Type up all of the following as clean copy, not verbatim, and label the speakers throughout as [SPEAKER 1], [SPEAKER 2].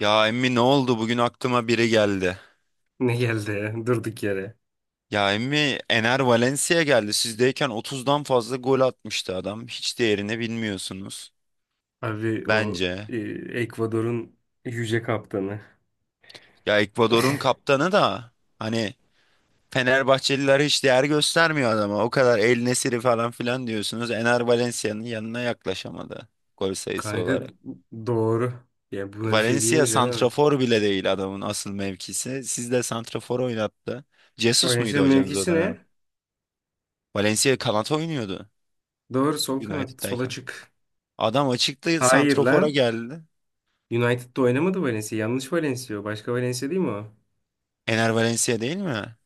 [SPEAKER 1] Ya emmi ne oldu? Bugün aklıma biri geldi.
[SPEAKER 2] Ne geldi ya? Durduk yere.
[SPEAKER 1] Ya emmi Ener Valencia geldi. Sizdeyken 30'dan fazla gol atmıştı adam. Hiç değerini bilmiyorsunuz.
[SPEAKER 2] Abi o
[SPEAKER 1] Bence.
[SPEAKER 2] Ekvador'un yüce kaptanı.
[SPEAKER 1] Ya Ekvador'un kaptanı da hani Fenerbahçeliler hiç değer göstermiyor adama. O kadar El Nesiri falan filan diyorsunuz. Ener Valencia'nın yanına yaklaşamadı gol sayısı
[SPEAKER 2] Kanka
[SPEAKER 1] olarak.
[SPEAKER 2] doğru. Ya buna bir şey
[SPEAKER 1] Valencia
[SPEAKER 2] diyemeyeceğim abi.
[SPEAKER 1] santrafor bile değil adamın asıl mevkisi. Sizde de santrafor oynattı. Jesus muydu
[SPEAKER 2] Valencia'nın
[SPEAKER 1] hocanız o
[SPEAKER 2] mevkisi ne?
[SPEAKER 1] dönem? Valencia kanat oynuyordu.
[SPEAKER 2] Doğru sol kanat sola
[SPEAKER 1] United'dayken.
[SPEAKER 2] çık.
[SPEAKER 1] Adam açıkta
[SPEAKER 2] Hayır
[SPEAKER 1] santrofora
[SPEAKER 2] lan.
[SPEAKER 1] geldi.
[SPEAKER 2] United'da oynamadı Valencia. Yanlış Valencia o. Başka Valencia değil mi o?
[SPEAKER 1] Ener Valencia değil mi?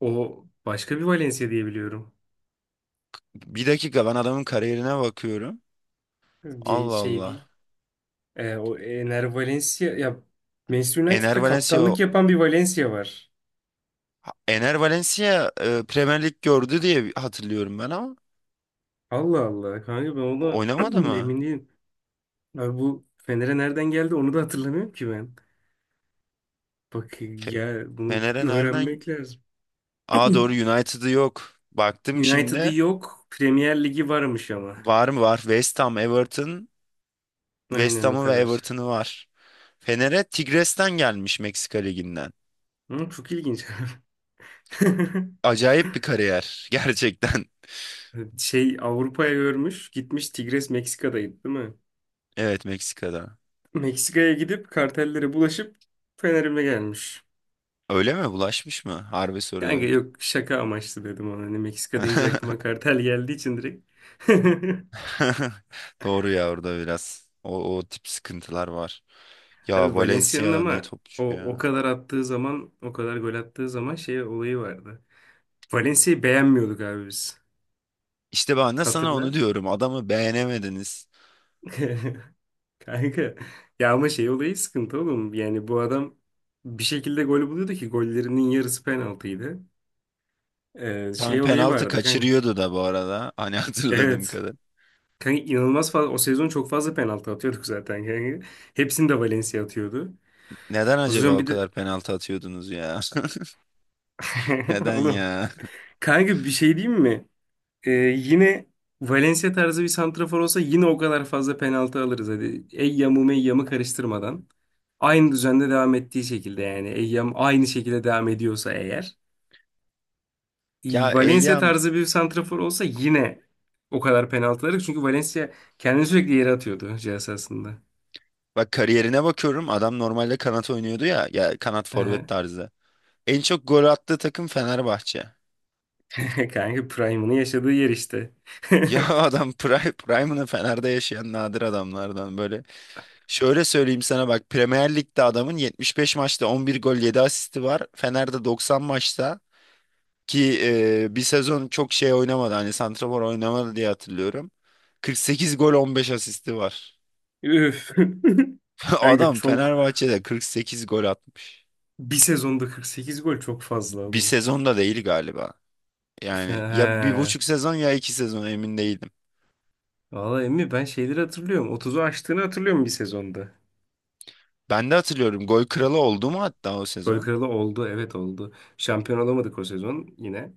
[SPEAKER 2] O başka bir Valencia diye biliyorum.
[SPEAKER 1] Bir dakika ben adamın kariyerine bakıyorum.
[SPEAKER 2] Bir
[SPEAKER 1] Allah
[SPEAKER 2] şey değil.
[SPEAKER 1] Allah.
[SPEAKER 2] O Ener Valencia ya Manchester
[SPEAKER 1] Ener
[SPEAKER 2] United'da
[SPEAKER 1] Valencia
[SPEAKER 2] kaptanlık
[SPEAKER 1] o-
[SPEAKER 2] yapan bir Valencia var.
[SPEAKER 1] Ener Valencia Premier Lig gördü diye hatırlıyorum ben ama
[SPEAKER 2] Allah Allah. Kanka ben ona
[SPEAKER 1] oynamadı mı?
[SPEAKER 2] emin değilim. Abi bu Fener'e nereden geldi onu da hatırlamıyorum ki ben. Bak
[SPEAKER 1] Fe-
[SPEAKER 2] ya bunu
[SPEAKER 1] Fener'e nereden?
[SPEAKER 2] öğrenmek lazım.
[SPEAKER 1] Aa doğru United'ı yok. Baktım
[SPEAKER 2] United'ı
[SPEAKER 1] şimdi.
[SPEAKER 2] yok. Premier Ligi varmış ama.
[SPEAKER 1] Var mı var? West Ham, Everton. West
[SPEAKER 2] Aynen o
[SPEAKER 1] Ham'ı ve
[SPEAKER 2] kadar.
[SPEAKER 1] Everton'ı var. Fener'e Tigres'ten gelmiş Meksika Ligi'nden.
[SPEAKER 2] Hı, çok ilginç.
[SPEAKER 1] Acayip bir kariyer gerçekten.
[SPEAKER 2] Şey Avrupa'ya görmüş. Gitmiş Tigres Meksika'daydı değil mi?
[SPEAKER 1] Evet Meksika'da.
[SPEAKER 2] Meksika'ya gidip kartellere bulaşıp Fener'ime gelmiş.
[SPEAKER 1] Öyle mi? Bulaşmış mı? Harbi
[SPEAKER 2] Kanka
[SPEAKER 1] soruyorum.
[SPEAKER 2] yok, şaka amaçlı dedim ona. Hani Meksika deyince aklıma kartel geldiği için direkt.
[SPEAKER 1] Doğru ya orada biraz. O tip sıkıntılar var.
[SPEAKER 2] Tabii
[SPEAKER 1] Ya
[SPEAKER 2] Valencia'nın
[SPEAKER 1] Valencia ne
[SPEAKER 2] ama o
[SPEAKER 1] topçu
[SPEAKER 2] o
[SPEAKER 1] ya.
[SPEAKER 2] kadar attığı zaman, o kadar gol attığı zaman şey olayı vardı. Valencia'yı beğenmiyorduk abi biz.
[SPEAKER 1] İşte ben de sana onu
[SPEAKER 2] Hatırla.
[SPEAKER 1] diyorum. Adamı beğenemediniz.
[SPEAKER 2] Kanka. Ya ama şey olayı sıkıntı oğlum. Yani bu adam bir şekilde gol buluyordu ki gollerinin yarısı penaltıydı.
[SPEAKER 1] Tam
[SPEAKER 2] Şey olayı
[SPEAKER 1] penaltı
[SPEAKER 2] vardı kanka.
[SPEAKER 1] kaçırıyordu da bu arada. Hani hatırladığım
[SPEAKER 2] Evet.
[SPEAKER 1] kadar.
[SPEAKER 2] Kanka inanılmaz fazla, o sezon çok fazla penaltı atıyorduk zaten kanka. Hepsini de Valencia atıyordu.
[SPEAKER 1] Neden
[SPEAKER 2] O
[SPEAKER 1] acaba
[SPEAKER 2] sezon
[SPEAKER 1] o
[SPEAKER 2] bir de
[SPEAKER 1] kadar penaltı atıyordunuz ya? Neden
[SPEAKER 2] oğlum,
[SPEAKER 1] ya?
[SPEAKER 2] kanka bir şey diyeyim mi? Yine Valencia tarzı bir santrafor olsa yine o kadar fazla penaltı alırız. Hadi Eyyam'ı Meyyam'ı karıştırmadan. Aynı düzende devam ettiği şekilde, yani Eyyam aynı şekilde devam ediyorsa eğer.
[SPEAKER 1] Ya
[SPEAKER 2] Valencia
[SPEAKER 1] Eyyam
[SPEAKER 2] tarzı bir santrafor olsa yine o kadar penaltı alırız. Çünkü Valencia kendini sürekli yere atıyordu cihaz aslında.
[SPEAKER 1] bak kariyerine bakıyorum. Adam normalde kanat oynuyordu ya. Ya kanat forvet
[SPEAKER 2] Aha.
[SPEAKER 1] tarzı. En çok gol attığı takım Fenerbahçe.
[SPEAKER 2] Kanka Prime'ını yaşadığı yer işte.
[SPEAKER 1] Ya adam Prime'ını Fener'de yaşayan nadir adamlardan böyle. Şöyle söyleyeyim sana bak Premier Lig'de adamın 75 maçta 11 gol 7 asisti var. Fener'de 90 maçta ki bir sezon çok şey oynamadı hani santrafor oynamadı diye hatırlıyorum. 48 gol 15 asisti var.
[SPEAKER 2] Üf. Kanka
[SPEAKER 1] Adam
[SPEAKER 2] çok,
[SPEAKER 1] Fenerbahçe'de 48 gol atmış.
[SPEAKER 2] bir sezonda 48 gol çok fazla
[SPEAKER 1] Bir
[SPEAKER 2] oğlum.
[SPEAKER 1] sezonda değil galiba. Yani ya bir buçuk
[SPEAKER 2] He.
[SPEAKER 1] sezon ya iki sezon emin değilim.
[SPEAKER 2] Valla Emmi, ben şeyleri hatırlıyorum. 30'u aştığını hatırlıyorum bir sezonda.
[SPEAKER 1] Ben de hatırlıyorum gol kralı oldu mu hatta o
[SPEAKER 2] Gol
[SPEAKER 1] sezon?
[SPEAKER 2] kralı oldu. Evet, oldu. Şampiyon olamadık o sezon yine.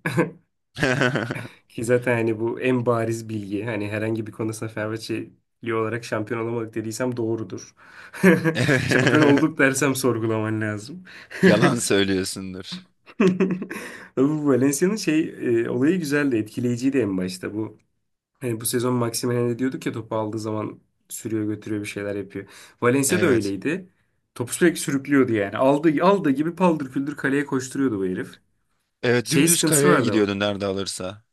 [SPEAKER 2] Ki zaten hani bu en bariz bilgi. Hani herhangi bir konusunda Fenerbahçeli olarak şampiyon olamadık dediysem doğrudur. Şampiyon olduk dersem sorgulaman lazım.
[SPEAKER 1] Yalan söylüyorsundur.
[SPEAKER 2] Bu Valencia'nın şey, olayı güzeldi. Etkileyiciydi en başta bu. Hani bu sezon Maximen'e diyorduk ya, topu aldığı zaman sürüyor, götürüyor, bir şeyler yapıyor. Valencia da
[SPEAKER 1] Evet.
[SPEAKER 2] öyleydi. Topu sürekli sürüklüyordu yani. Aldığı gibi paldır küldür kaleye koşturuyordu bu herif.
[SPEAKER 1] Evet
[SPEAKER 2] Şey
[SPEAKER 1] dümdüz
[SPEAKER 2] sıkıntısı
[SPEAKER 1] kareye
[SPEAKER 2] vardı ama.
[SPEAKER 1] gidiyordun nerede alırsa.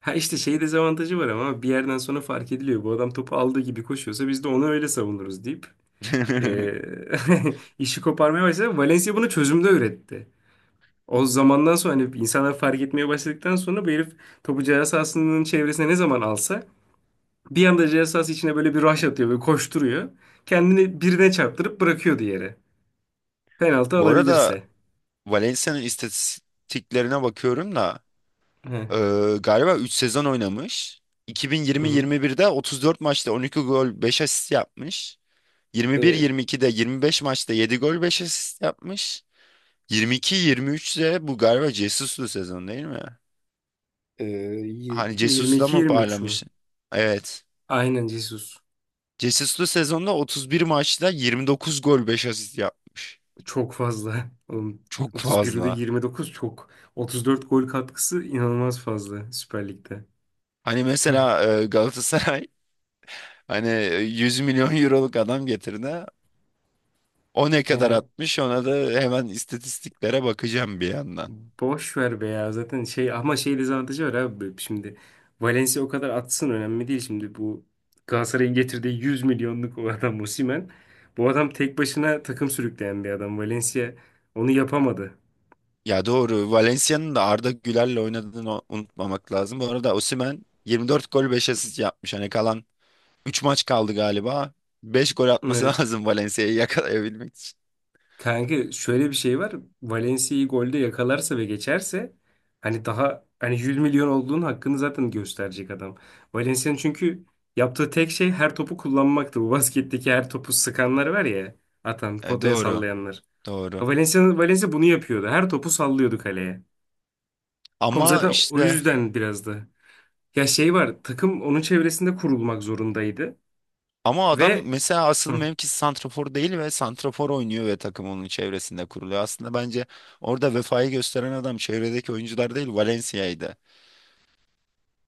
[SPEAKER 2] Ha işte şey dezavantajı var, ama bir yerden sonra fark ediliyor. Bu adam topu aldığı gibi koşuyorsa biz de onu öyle savunuruz deyip eee, işi koparmaya başladı. Valencia bunu çözümde üretti. O zamandan sonra, hani insanlar fark etmeye başladıktan sonra, bu herif topu ceza sahasının çevresine ne zaman alsa bir anda ceza sahası içine böyle bir rush atıyor ve koşturuyor. Kendini birine çarptırıp bırakıyordu yere. Penaltı
[SPEAKER 1] Bu arada
[SPEAKER 2] alabilirse.
[SPEAKER 1] Valencia'nın istatistiklerine bakıyorum da
[SPEAKER 2] He.
[SPEAKER 1] e, galiba 3 sezon oynamış.
[SPEAKER 2] Hı hı.
[SPEAKER 1] 2020-21'de 34 maçta 12 gol 5 asist yapmış.
[SPEAKER 2] Evet.
[SPEAKER 1] 21-22'de 25 maçta 7 gol 5 asist yapmış. 22-23'te bu galiba Jesus'lu sezon değil mi? Hani Jesus'la mı
[SPEAKER 2] 22-23 mü?
[SPEAKER 1] parlamış? Evet.
[SPEAKER 2] Aynen Jesus.
[SPEAKER 1] Jesus'lu sezonda 31 maçta 29 gol 5 asist yapmış.
[SPEAKER 2] Çok fazla. Oğlum,
[SPEAKER 1] Çok
[SPEAKER 2] 31'de
[SPEAKER 1] fazla.
[SPEAKER 2] 29 çok. 34 gol katkısı inanılmaz fazla Süper Lig'de.
[SPEAKER 1] Hani mesela Galatasaray hani 100 milyon euroluk adam getirdi. O ne kadar atmış ona da hemen istatistiklere bakacağım bir yandan.
[SPEAKER 2] Boş ver be ya, zaten şey ama şey dezavantajı var abi şimdi. Valencia o kadar atsın önemli değil şimdi. Bu Galatasaray'ın getirdiği 100 milyonluk o adam Osimhen, bu adam tek başına takım sürükleyen bir adam. Valencia onu yapamadı.
[SPEAKER 1] Ya doğru Valencia'nın da Arda Güler'le oynadığını unutmamak lazım. Bu arada Osimhen 24 gol 5 asist yapmış. Hani kalan 3 maç kaldı galiba. 5 gol atması
[SPEAKER 2] Evet
[SPEAKER 1] lazım Valencia'yı yakalayabilmek için.
[SPEAKER 2] kanka, şöyle bir şey var: Valencia'yı golde yakalarsa ve geçerse, hani daha hani 100 milyon olduğunun hakkını zaten gösterecek adam. Valencia'nın çünkü yaptığı tek şey her topu kullanmaktı, bu basketteki her topu sıkanlar var ya, atan,
[SPEAKER 1] E,
[SPEAKER 2] potaya
[SPEAKER 1] doğru
[SPEAKER 2] sallayanlar.
[SPEAKER 1] doğru.
[SPEAKER 2] Valencia, Valencia bunu yapıyordu. Her topu sallıyordu kaleye. Ama
[SPEAKER 1] Ama
[SPEAKER 2] zaten o
[SPEAKER 1] işte
[SPEAKER 2] yüzden biraz da. Ya şey var, takım onun çevresinde kurulmak zorundaydı.
[SPEAKER 1] Ama adam
[SPEAKER 2] Ve.
[SPEAKER 1] mesela asıl
[SPEAKER 2] Hı.
[SPEAKER 1] mevkisi santrafor değil ve santrafor oynuyor ve takım onun çevresinde kuruluyor. Aslında bence orada vefayı gösteren adam çevredeki oyuncular değil Valencia'ydı.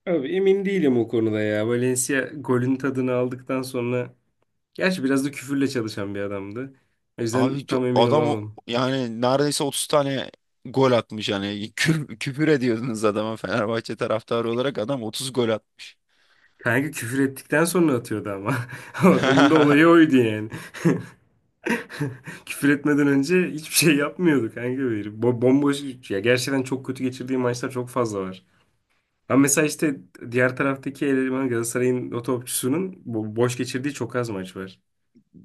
[SPEAKER 2] Abi emin değilim o konuda ya. Valencia golün tadını aldıktan sonra... Gerçi biraz da küfürle çalışan bir adamdı. O
[SPEAKER 1] Abi
[SPEAKER 2] yüzden tam emin
[SPEAKER 1] adam
[SPEAKER 2] olamadım.
[SPEAKER 1] yani neredeyse 30 tane gol atmış yani küfür ediyordunuz adama Fenerbahçe taraftarı olarak adam 30 gol atmış.
[SPEAKER 2] Kanka küfür ettikten sonra atıyordu ama. O adamın da olayı oydu yani. Küfür etmeden önce hiçbir şey yapmıyordu kanka. Böyle. Bomboş. Ya gerçekten çok kötü geçirdiği maçlar çok fazla var. Ama mesela işte diğer taraftaki eleman, Galatasaray'ın o topçusunun boş geçirdiği çok az maç var.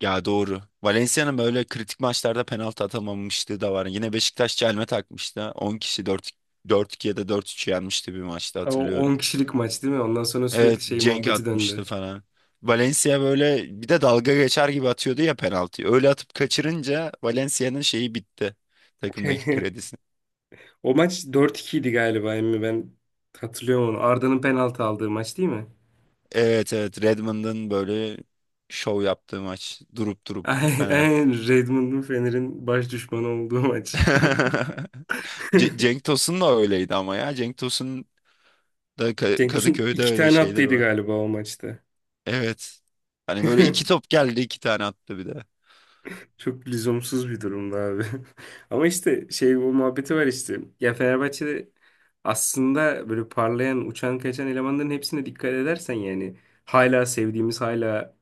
[SPEAKER 1] Ya doğru. Valencia'nın böyle kritik maçlarda penaltı atamamışlığı da var. Yine Beşiktaş çelme takmıştı. 10 kişi 4 4-2 ya da 4-3 yenmişti bir maçta
[SPEAKER 2] Ama o 10
[SPEAKER 1] hatırlıyorum.
[SPEAKER 2] kişilik maç değil mi? Ondan sonra sürekli
[SPEAKER 1] Evet
[SPEAKER 2] şey
[SPEAKER 1] Cenk
[SPEAKER 2] muhabbeti döndü.
[SPEAKER 1] atmıştı falan. Valencia böyle bir de dalga geçer gibi atıyordu ya penaltıyı. Öyle atıp kaçırınca Valencia'nın şeyi bitti. Takımdaki kredisi.
[SPEAKER 2] O maç 4-2 idi galiba emmi, ben hatırlıyorum onu. Arda'nın penaltı aldığı maç değil mi?
[SPEAKER 1] Evet, evet, Redmond'ın böyle şov yaptığı maç. Durup durup Fener.
[SPEAKER 2] Aynen, Redmond'un Fener'in baş düşmanı olduğu maç.
[SPEAKER 1] Cenk Tosun da öyleydi ama ya. Cenk Tosun da
[SPEAKER 2] Cenk Tosun
[SPEAKER 1] Kadıköy'de
[SPEAKER 2] iki
[SPEAKER 1] öyle
[SPEAKER 2] tane
[SPEAKER 1] şeyler
[SPEAKER 2] attıydı
[SPEAKER 1] var.
[SPEAKER 2] galiba o maçta.
[SPEAKER 1] Evet. Hani böyle iki top geldi iki tane attı bir de.
[SPEAKER 2] Çok lüzumsuz bir durumda abi. Ama işte şey, bu muhabbeti var işte. Ya Fenerbahçe'de aslında böyle parlayan, uçan, kaçan elemanların hepsine dikkat edersen yani, hala sevdiğimiz, hala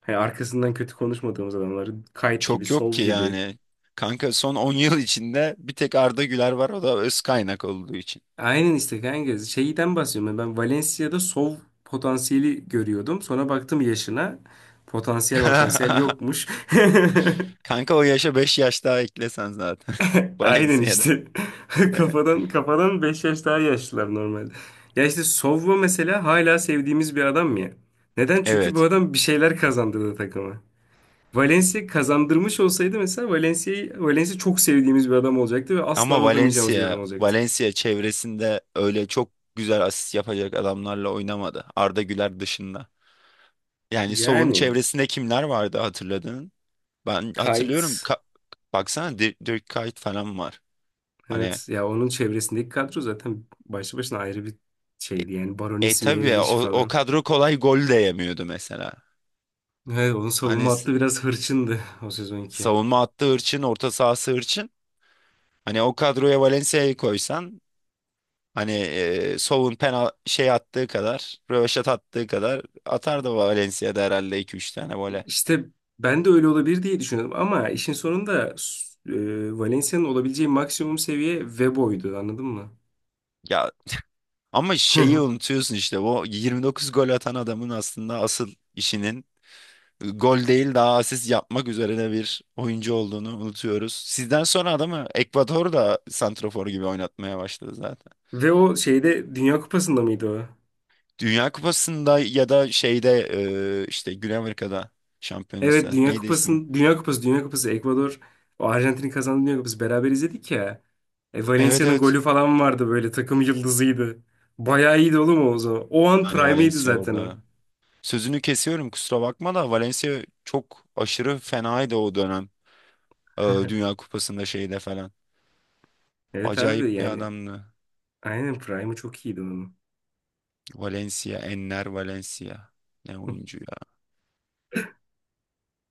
[SPEAKER 2] hani arkasından kötü konuşmadığımız adamları, Kayt gibi,
[SPEAKER 1] Çok yok
[SPEAKER 2] Sov
[SPEAKER 1] ki
[SPEAKER 2] gibi.
[SPEAKER 1] yani. Kanka son 10 yıl içinde bir tek Arda Güler var o da öz kaynak olduğu için.
[SPEAKER 2] Aynen işte kanka, şeyden bahsediyorum. Ben Valencia'da Sov potansiyeli görüyordum. Sonra baktım yaşına. Potansiyel potansiyel yokmuş.
[SPEAKER 1] Kanka o yaşa 5 yaş daha eklesen zaten.
[SPEAKER 2] Aynen
[SPEAKER 1] Valencia'da.
[SPEAKER 2] işte. Kafadan kafadan 5 yaş daha yaşlılar normalde. Ya işte Sovva mesela hala sevdiğimiz bir adam ya. Neden? Çünkü bu
[SPEAKER 1] Evet.
[SPEAKER 2] adam bir şeyler kazandırdı takıma. Valencia kazandırmış olsaydı mesela, Valencia çok sevdiğimiz bir adam olacaktı ve asla
[SPEAKER 1] Ama
[SPEAKER 2] unutamayacağımız bir adam
[SPEAKER 1] Valencia,
[SPEAKER 2] olacaktı.
[SPEAKER 1] Valencia çevresinde öyle çok güzel asist yapacak adamlarla oynamadı. Arda Güler dışında. Yani Sow'un
[SPEAKER 2] Yani
[SPEAKER 1] çevresinde kimler vardı hatırladın? Ben hatırlıyorum.
[SPEAKER 2] Kite,
[SPEAKER 1] Baksana Dirk Kuyt falan var. Hani
[SPEAKER 2] evet ya, onun çevresindeki kadro zaten başlı başına ayrı bir şeydi, yani Baronisi,
[SPEAKER 1] tabii ya
[SPEAKER 2] Meireles'i
[SPEAKER 1] o
[SPEAKER 2] falan.
[SPEAKER 1] kadro kolay gol de yemiyordu mesela.
[SPEAKER 2] Evet, onun
[SPEAKER 1] Hani
[SPEAKER 2] savunma hattı biraz hırçındı o sezonki.
[SPEAKER 1] savunma hattı hırçın, orta sahası hırçın. Hani o kadroya Valencia'yı koysan hani Sow'un penal şey attığı kadar, röveşat attığı kadar atar da Valencia'da herhalde iki üç tane böyle.
[SPEAKER 2] İşte ben de öyle olabilir diye düşünüyordum, ama işin sonunda Valencia'nın olabileceği maksimum seviye Vebo'ydu, anladın mı?
[SPEAKER 1] Ya ama şeyi unutuyorsun işte o 29 gol atan adamın aslında asıl işinin gol değil daha asist yapmak üzerine bir oyuncu olduğunu unutuyoruz. Sizden sonra adamı Ekvador da santrafor gibi oynatmaya başladı zaten.
[SPEAKER 2] Ve o şeyde, Dünya Kupası'nda mıydı o?
[SPEAKER 1] Dünya Kupası'nda ya da şeyde işte Güney Amerika'da
[SPEAKER 2] Evet,
[SPEAKER 1] şampiyonası. Neydi ismi?
[SPEAKER 2] Dünya Kupası Ekvador, o Arjantin'in kazandığı Dünya Kupası, beraber izledik ya.
[SPEAKER 1] Evet,
[SPEAKER 2] Valencia'nın
[SPEAKER 1] evet.
[SPEAKER 2] golü falan vardı, böyle takım yıldızıydı. Bayağı iyiydi oğlum o zaman. O an
[SPEAKER 1] Yani
[SPEAKER 2] prime'iydi
[SPEAKER 1] Valencia
[SPEAKER 2] zaten o.
[SPEAKER 1] orada. Sözünü kesiyorum kusura bakma da Valencia çok aşırı fenaydı o dönem. E, Dünya Kupası'nda şeyde falan.
[SPEAKER 2] Evet abi,
[SPEAKER 1] Acayip bir
[SPEAKER 2] yani
[SPEAKER 1] adamdı.
[SPEAKER 2] aynen prime'ı çok iyiydi onun.
[SPEAKER 1] Valencia, Enner Valencia. Ne oyuncu ya.